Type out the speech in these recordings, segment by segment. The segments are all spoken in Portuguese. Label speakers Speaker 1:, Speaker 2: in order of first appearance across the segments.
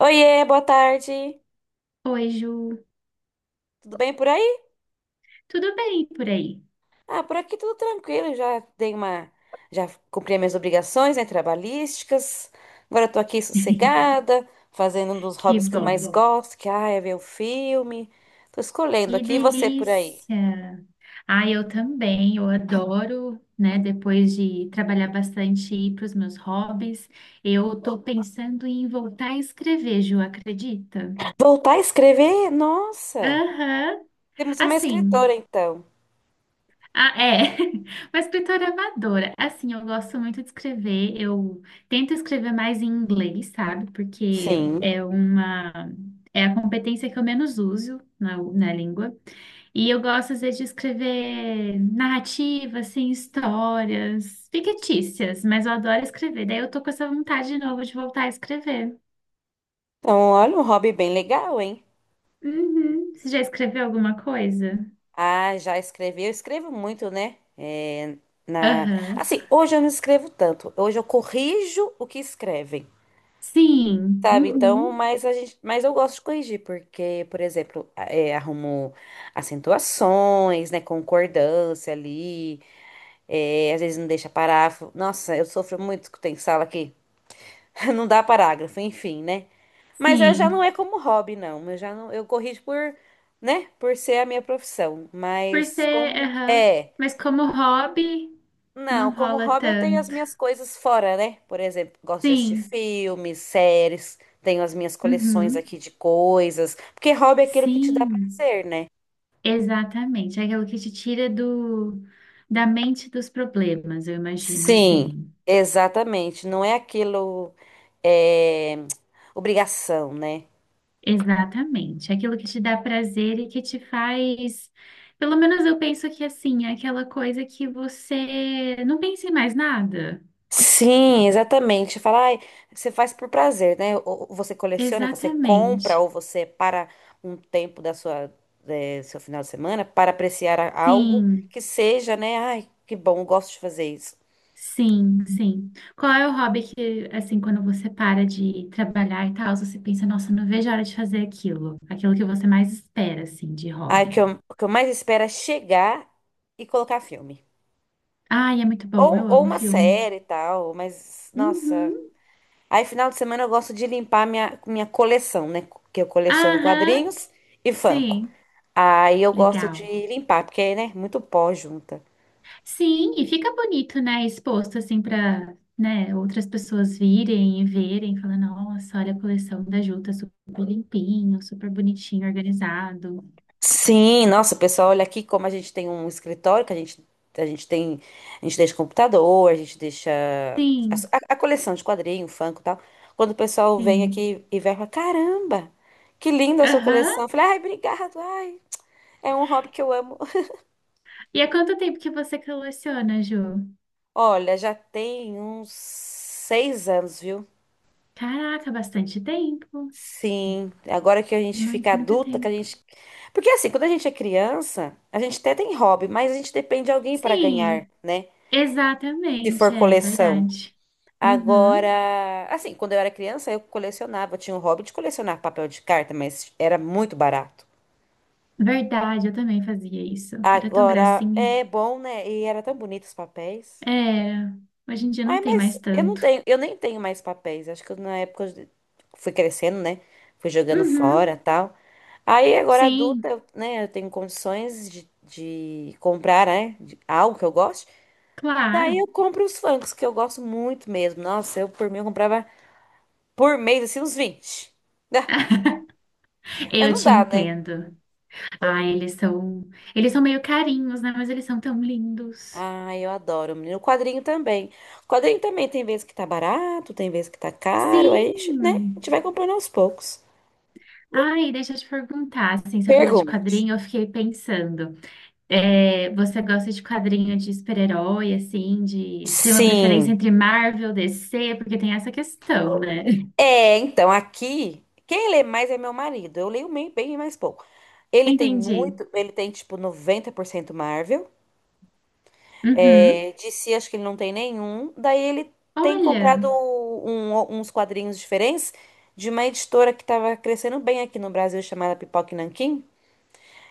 Speaker 1: Oiê, boa tarde.
Speaker 2: Oi, Ju.
Speaker 1: Tudo bem por aí?
Speaker 2: Tudo bem por aí?
Speaker 1: Ah, por aqui tudo tranquilo. Já cumpri as minhas obrigações, né, trabalhísticas. Agora eu tô aqui sossegada, fazendo um dos
Speaker 2: Que
Speaker 1: hobbies que eu
Speaker 2: bom.
Speaker 1: mais, uhum, gosto, que ah, é ver o filme. Tô escolhendo
Speaker 2: Que
Speaker 1: aqui, e você por aí?
Speaker 2: delícia. Ah, eu também. Eu adoro, né? Depois de trabalhar bastante e ir para os meus hobbies, eu tô pensando em voltar a escrever, Ju, acredita?
Speaker 1: Voltar a escrever? Nossa,
Speaker 2: Aham.
Speaker 1: temos uma escritora
Speaker 2: Assim.
Speaker 1: então.
Speaker 2: Ah, é. Uma escritora amadora. Assim, eu gosto muito de escrever. Eu tento escrever mais em inglês, sabe? Porque
Speaker 1: Sim.
Speaker 2: é uma. É a competência que eu menos uso na língua. E eu gosto, às vezes, de escrever narrativas, assim, histórias fictícias, mas eu adoro escrever. Daí eu tô com essa vontade de novo de voltar a escrever.
Speaker 1: Então, olha um hobby bem legal, hein?
Speaker 2: Uhum. Você já escreveu alguma coisa?
Speaker 1: Ah, já escrevi. Eu escrevo muito, né? É, na...
Speaker 2: Aham.
Speaker 1: assim, hoje eu não escrevo tanto. Hoje eu corrijo o que escrevem,
Speaker 2: Sim.
Speaker 1: sabe? Então,
Speaker 2: Uhum.
Speaker 1: mas eu gosto de corrigir, porque, por exemplo, arrumo acentuações, né? Concordância ali. Às vezes não deixa parágrafo. Nossa, eu sofro muito que tem sala aqui. Não dá parágrafo, enfim, né? Mas eu já não
Speaker 2: Sim.
Speaker 1: é como hobby, não. Eu já não, eu corrijo por, né? Por ser a minha profissão.
Speaker 2: Por
Speaker 1: Mas
Speaker 2: ser,
Speaker 1: como.
Speaker 2: aham.
Speaker 1: É.
Speaker 2: Mas como hobby,
Speaker 1: Não,
Speaker 2: não
Speaker 1: como
Speaker 2: rola
Speaker 1: hobby eu tenho as
Speaker 2: tanto.
Speaker 1: minhas coisas fora, né? Por exemplo, gosto de assistir
Speaker 2: Sim.
Speaker 1: filmes, séries, tenho as minhas coleções
Speaker 2: Uhum.
Speaker 1: aqui de coisas, porque hobby é aquilo que te dá
Speaker 2: Sim.
Speaker 1: prazer, né?
Speaker 2: Exatamente. É aquilo que te tira do, da mente dos problemas, eu imagino,
Speaker 1: Sim,
Speaker 2: assim.
Speaker 1: exatamente. Não é aquilo, é obrigação, né?
Speaker 2: Exatamente, aquilo que te dá prazer e que te faz, pelo menos eu penso que assim, é aquela coisa que você não pensa em mais nada.
Speaker 1: Sim, exatamente. Falar, ai, você faz por prazer, né? Ou você coleciona, você compra,
Speaker 2: Exatamente.
Speaker 1: ou você para um tempo da seu final de semana para apreciar algo
Speaker 2: Sim,
Speaker 1: que seja, né? Ai, que bom, eu gosto de fazer isso.
Speaker 2: sim, sim. Qual é o hobby que, assim, quando você para de trabalhar e tal, você pensa, nossa, não vejo a hora de fazer aquilo, aquilo que você mais espera, assim, de
Speaker 1: Ai, o que
Speaker 2: hobby.
Speaker 1: eu, o que eu mais espero é chegar e colocar filme.
Speaker 2: Ai, é muito bom,
Speaker 1: Ou,
Speaker 2: eu
Speaker 1: ou
Speaker 2: amo
Speaker 1: uma
Speaker 2: filme.
Speaker 1: série e tal, mas, nossa.
Speaker 2: Uhum.
Speaker 1: Aí, final de semana, eu gosto de limpar minha coleção, né? Que eu coleciono
Speaker 2: Aham,
Speaker 1: quadrinhos e Funko.
Speaker 2: sim,
Speaker 1: Aí eu gosto de
Speaker 2: legal.
Speaker 1: limpar, porque, né? Muito pó junta.
Speaker 2: Sim, e fica bonito, né? Exposto assim para, né, outras pessoas virem e verem, falar, nossa, olha a coleção da Ju, tá super limpinho, super bonitinho, organizado.
Speaker 1: Sim, nossa, pessoal, olha aqui como a gente tem um escritório que a gente tem. A gente deixa computador, a gente deixa
Speaker 2: Sim,
Speaker 1: coleção de quadrinho, Funko e tal. Quando o pessoal vem
Speaker 2: sim.
Speaker 1: aqui e vai falar, caramba, que linda a sua
Speaker 2: Aham.
Speaker 1: coleção. Eu falei, ai, obrigado, ai, é um hobby que eu amo.
Speaker 2: E há quanto tempo que você coleciona, Ju?
Speaker 1: Olha, já tem uns 6 anos, viu?
Speaker 2: Caraca, bastante tempo.
Speaker 1: Sim, agora que a gente fica
Speaker 2: Muito, muito
Speaker 1: adulta, que a
Speaker 2: tempo.
Speaker 1: gente. Porque assim, quando a gente é criança, a gente até tem hobby, mas a gente depende de alguém para ganhar,
Speaker 2: Sim,
Speaker 1: né? Se
Speaker 2: exatamente,
Speaker 1: for
Speaker 2: é
Speaker 1: coleção.
Speaker 2: verdade. Uhum.
Speaker 1: Agora, assim, quando eu era criança, eu colecionava, eu tinha o hobby de colecionar papel de carta, mas era muito barato.
Speaker 2: Verdade, eu também fazia isso. Era tão
Speaker 1: Agora
Speaker 2: gracinha.
Speaker 1: é bom, né? E era tão bonito os papéis.
Speaker 2: É, hoje em dia não
Speaker 1: Ai,
Speaker 2: tem
Speaker 1: mas
Speaker 2: mais tanto.
Speaker 1: eu nem tenho mais papéis. Acho que na época eu fui crescendo, né? Fui jogando
Speaker 2: Uhum,
Speaker 1: fora, tal. Aí agora adulta,
Speaker 2: sim,
Speaker 1: né, eu tenho condições de comprar, né, algo que eu gosto. Daí
Speaker 2: claro.
Speaker 1: eu compro os Funkos, que eu gosto muito mesmo. Nossa, eu por mim eu comprava por mês, assim, uns 20. Ah, mas
Speaker 2: Eu
Speaker 1: não
Speaker 2: te
Speaker 1: dá, né?
Speaker 2: entendo. Ah, eles são meio carinhos, né? Mas eles são tão lindos.
Speaker 1: Ai, eu adoro, menino. O quadrinho também. O quadrinho também tem vezes que tá barato, tem vezes que tá caro. Aí, né, a
Speaker 2: Sim.
Speaker 1: gente vai comprando aos poucos.
Speaker 2: Ai, deixa eu te perguntar, assim, você falou de
Speaker 1: Pergunta.
Speaker 2: quadrinho, eu fiquei pensando. É, você gosta de quadrinho de super-herói, assim, de... Você tem uma preferência
Speaker 1: Sim.
Speaker 2: entre Marvel, DC? Porque tem essa questão, né?
Speaker 1: É, então aqui, quem lê mais é meu marido. Eu leio bem mais pouco.
Speaker 2: Entendi.
Speaker 1: Ele tem tipo 90% Marvel.
Speaker 2: Uhum.
Speaker 1: É, DC acho que ele não tem nenhum. Daí ele tem comprado
Speaker 2: Olha.
Speaker 1: uns quadrinhos diferentes de uma editora que estava crescendo bem aqui no Brasil chamada Pipoca e Nanquim.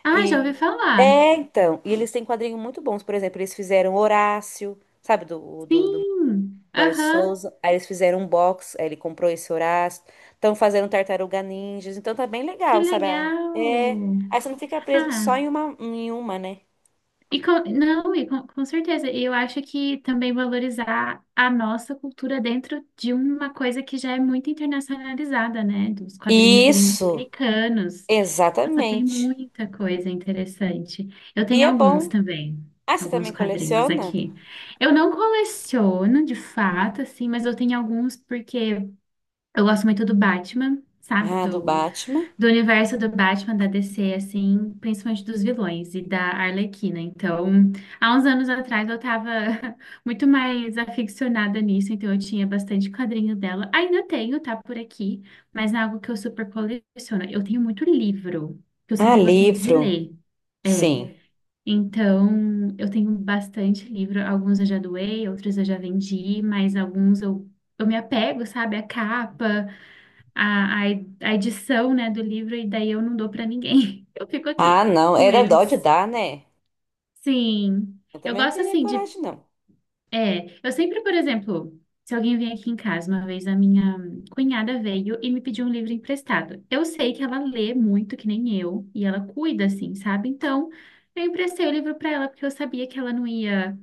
Speaker 2: Ah, já ouvi
Speaker 1: E
Speaker 2: falar.
Speaker 1: e eles têm quadrinhos muito bons. Por exemplo, eles fizeram Horácio, sabe, do
Speaker 2: Sim,
Speaker 1: Maurício de
Speaker 2: aham,
Speaker 1: Souza. Aí eles fizeram um box, aí ele comprou esse Horácio. Estão fazendo Tartaruga Ninjas, então tá bem
Speaker 2: que
Speaker 1: legal, sabe? Ah, é.
Speaker 2: legal.
Speaker 1: Aí você não fica preso só
Speaker 2: Ah,
Speaker 1: em uma, né?
Speaker 2: e com, não, e com certeza, e eu acho que também valorizar a nossa cultura dentro de uma coisa que já é muito internacionalizada, né? Dos quadrinhos serem muito
Speaker 1: Isso,
Speaker 2: americanos. Nossa, tem
Speaker 1: exatamente.
Speaker 2: muita coisa interessante. Eu
Speaker 1: E
Speaker 2: tenho
Speaker 1: é
Speaker 2: alguns
Speaker 1: bom.
Speaker 2: também,
Speaker 1: Ah, você
Speaker 2: alguns
Speaker 1: também
Speaker 2: quadrinhos
Speaker 1: coleciona?
Speaker 2: aqui. Eu não coleciono de fato, assim, mas eu tenho alguns porque eu gosto muito do Batman, sabe?
Speaker 1: Ah, do
Speaker 2: Do
Speaker 1: Batman.
Speaker 2: do universo do Batman da DC, assim, principalmente dos vilões e da Arlequina. Então, há uns anos atrás eu tava muito mais aficionada nisso, então eu tinha bastante quadrinho dela. Ainda tenho, tá por aqui, mas não é algo que eu super coleciono. Eu tenho muito livro, que eu
Speaker 1: Ah,
Speaker 2: sempre gostei muito de
Speaker 1: livro.
Speaker 2: ler. É,
Speaker 1: Sim.
Speaker 2: então eu tenho bastante livro, alguns eu já doei, outros eu já vendi, mas alguns eu me apego, sabe, à capa a, a, a edição, né, do livro e daí eu não dou para ninguém. Eu fico
Speaker 1: Ah,
Speaker 2: aqui
Speaker 1: não.
Speaker 2: com
Speaker 1: Era dó de
Speaker 2: eles.
Speaker 1: dar, né?
Speaker 2: Sim,
Speaker 1: Eu
Speaker 2: eu
Speaker 1: também não
Speaker 2: gosto
Speaker 1: teria
Speaker 2: assim de.
Speaker 1: coragem, não.
Speaker 2: É, eu sempre, por exemplo, se alguém vem aqui em casa, uma vez a minha cunhada veio e me pediu um livro emprestado. Eu sei que ela lê muito, que nem eu, e ela cuida, assim, sabe? Então, eu emprestei o livro para ela porque eu sabia que ela não ia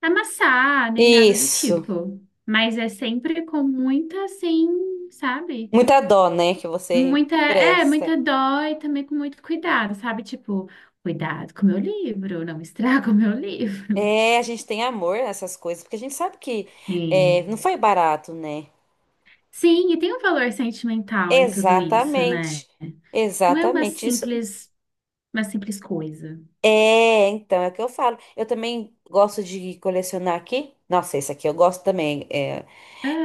Speaker 2: amassar nem nada do
Speaker 1: Isso.
Speaker 2: tipo. Mas é sempre com muita, assim, sabe?
Speaker 1: Muita dó, né, que você
Speaker 2: Muita, é,
Speaker 1: presta.
Speaker 2: muita dó e também com muito cuidado, sabe? Tipo, cuidado com o meu livro, não estraga o meu livro.
Speaker 1: É, a gente tem amor nessas coisas, porque a gente sabe que
Speaker 2: Sim.
Speaker 1: não foi barato, né?
Speaker 2: Sim, e tem um valor sentimental em tudo isso, né?
Speaker 1: Exatamente.
Speaker 2: Não é
Speaker 1: Exatamente. Isso
Speaker 2: uma simples coisa.
Speaker 1: é, então, é o que eu falo. Eu também gosto de colecionar aqui. Nossa, esse aqui eu gosto também. é,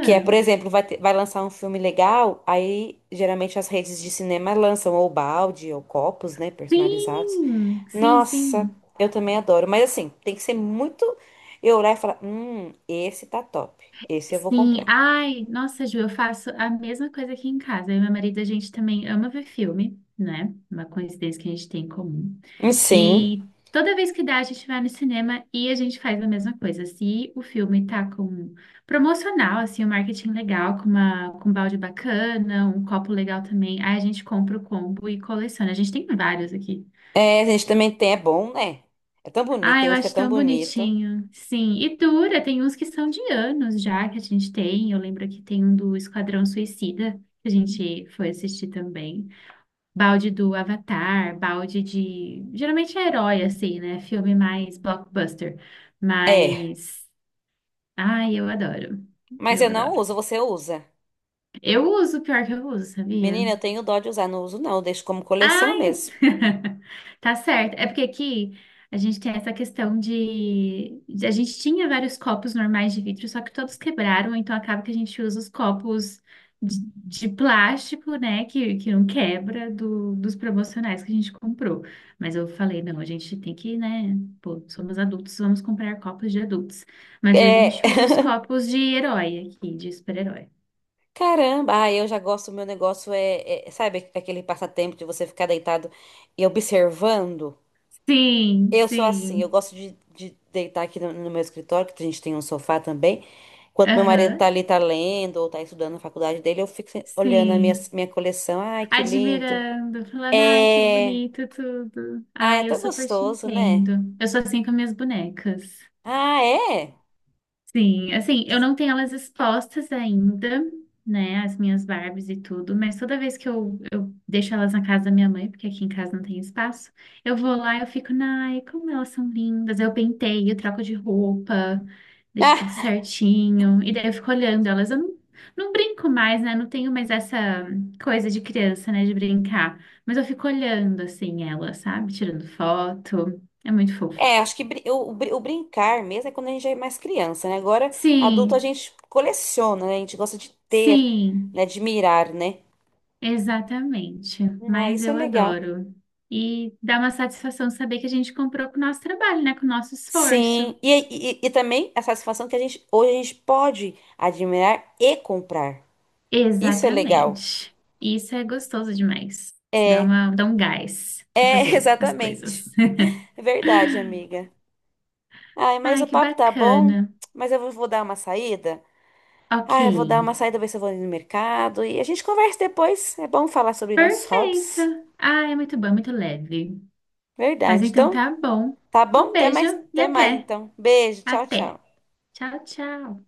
Speaker 1: que é, por exemplo, vai lançar um filme legal, aí geralmente as redes de cinema lançam ou balde ou copos, né, personalizados.
Speaker 2: sim, sim,
Speaker 1: Nossa,
Speaker 2: sim.
Speaker 1: eu também adoro. Mas assim, tem que ser muito. Eu olhar e falar: esse tá top. Esse eu vou
Speaker 2: Sim,
Speaker 1: comprar.
Speaker 2: ai, nossa, Ju, eu faço a mesma coisa aqui em casa. Eu e meu marido, a gente também ama ver filme, né? Uma coincidência que a gente tem em comum.
Speaker 1: Sim.
Speaker 2: E toda vez que dá, a gente vai no cinema e a gente faz a mesma coisa. Se o filme tá com promocional, assim, um marketing legal, com uma, com um balde bacana, um copo legal também, aí a gente compra o combo e coleciona. A gente tem vários aqui.
Speaker 1: É, a gente também tem, é bom, né? É tão bonito,
Speaker 2: Ah,
Speaker 1: tem
Speaker 2: eu
Speaker 1: uns que é
Speaker 2: acho
Speaker 1: tão
Speaker 2: tão
Speaker 1: bonito.
Speaker 2: bonitinho. Sim, e dura, tem uns que são de anos já que a gente tem. Eu lembro que tem um do Esquadrão Suicida, que a gente foi assistir também. Balde do Avatar, balde de. Geralmente é herói, assim, né? Filme mais blockbuster.
Speaker 1: É,
Speaker 2: Mas. Ai, eu adoro.
Speaker 1: mas eu
Speaker 2: Eu
Speaker 1: não
Speaker 2: adoro.
Speaker 1: uso, você usa.
Speaker 2: Eu uso, pior que eu uso, sabia?
Speaker 1: Menina, eu tenho dó de usar, não uso não, eu deixo como
Speaker 2: Ah,
Speaker 1: coleção mesmo.
Speaker 2: tá certo. É porque aqui a gente tem essa questão de. De- A gente tinha vários copos normais de vidro, só que todos quebraram, então acaba que a gente usa os copos de plástico, né? Que não quebra do- dos promocionais que a gente comprou. Mas eu falei, não, a gente tem que, né? Pô, somos adultos, vamos comprar copos de adultos. Mas às vezes a
Speaker 1: É,
Speaker 2: gente usa os copos de herói aqui, de super-herói.
Speaker 1: caramba, ah, eu já gosto, meu negócio é, sabe, aquele passatempo de você ficar deitado e observando.
Speaker 2: Sim,
Speaker 1: Eu sou assim, eu
Speaker 2: sim.
Speaker 1: gosto de deitar aqui no meu escritório, que a gente tem um sofá também. Enquanto meu marido tá
Speaker 2: Aham,
Speaker 1: ali, tá lendo ou tá estudando na faculdade dele, eu fico olhando a minha,
Speaker 2: sim.
Speaker 1: minha coleção. Ai, que lindo.
Speaker 2: Admirando, falando, ai, que
Speaker 1: É.
Speaker 2: bonito tudo.
Speaker 1: Ah, é
Speaker 2: Ai, eu
Speaker 1: tão
Speaker 2: super te
Speaker 1: gostoso, né?
Speaker 2: entendo. Eu sou assim com minhas bonecas.
Speaker 1: Ah, é?
Speaker 2: Sim, assim, eu não tenho elas expostas ainda, né, as minhas Barbies e tudo, mas toda vez que eu deixo elas na casa da minha mãe, porque aqui em casa não tem espaço, eu vou lá e eu fico, ai, como elas são lindas, eu penteio, troco de roupa, deixo tudo
Speaker 1: Ah,
Speaker 2: certinho, e daí eu fico olhando elas, eu não, não brinco mais, né, não tenho mais essa coisa de criança, né, de brincar, mas eu fico olhando, assim, elas, sabe, tirando foto, é muito fofo.
Speaker 1: é, acho que o brincar mesmo é quando a gente é mais criança, né? Agora, adulto, a
Speaker 2: Sim,
Speaker 1: gente coleciona, né? A gente gosta de ter,
Speaker 2: sim.
Speaker 1: né? De mirar, né?
Speaker 2: Exatamente,
Speaker 1: Ah,
Speaker 2: mas
Speaker 1: isso é
Speaker 2: eu
Speaker 1: legal.
Speaker 2: adoro. E dá uma satisfação saber que a gente comprou com o nosso trabalho, né? Com o nosso esforço.
Speaker 1: Sim. E também a satisfação que hoje a gente pode admirar e comprar. Isso é legal.
Speaker 2: Exatamente. Isso é gostoso demais. Dá
Speaker 1: É,
Speaker 2: uma, dá um gás para fazer as
Speaker 1: exatamente.
Speaker 2: coisas.
Speaker 1: É verdade, amiga. Ai, mas
Speaker 2: Ai,
Speaker 1: o
Speaker 2: que
Speaker 1: papo tá bom,
Speaker 2: bacana.
Speaker 1: mas eu vou dar uma saída.
Speaker 2: Ok.
Speaker 1: Ah, eu vou dar uma saída, ver se eu vou ali no mercado. E a gente conversa depois. É bom falar sobre nossos
Speaker 2: Perfeito.
Speaker 1: hobbies.
Speaker 2: Ah, é muito bom, é muito leve. Mas
Speaker 1: Verdade.
Speaker 2: então
Speaker 1: Então,
Speaker 2: tá bom.
Speaker 1: tá bom?
Speaker 2: Um beijo e
Speaker 1: Até mais
Speaker 2: até.
Speaker 1: então. Beijo, tchau, tchau.
Speaker 2: Até. Tchau, tchau.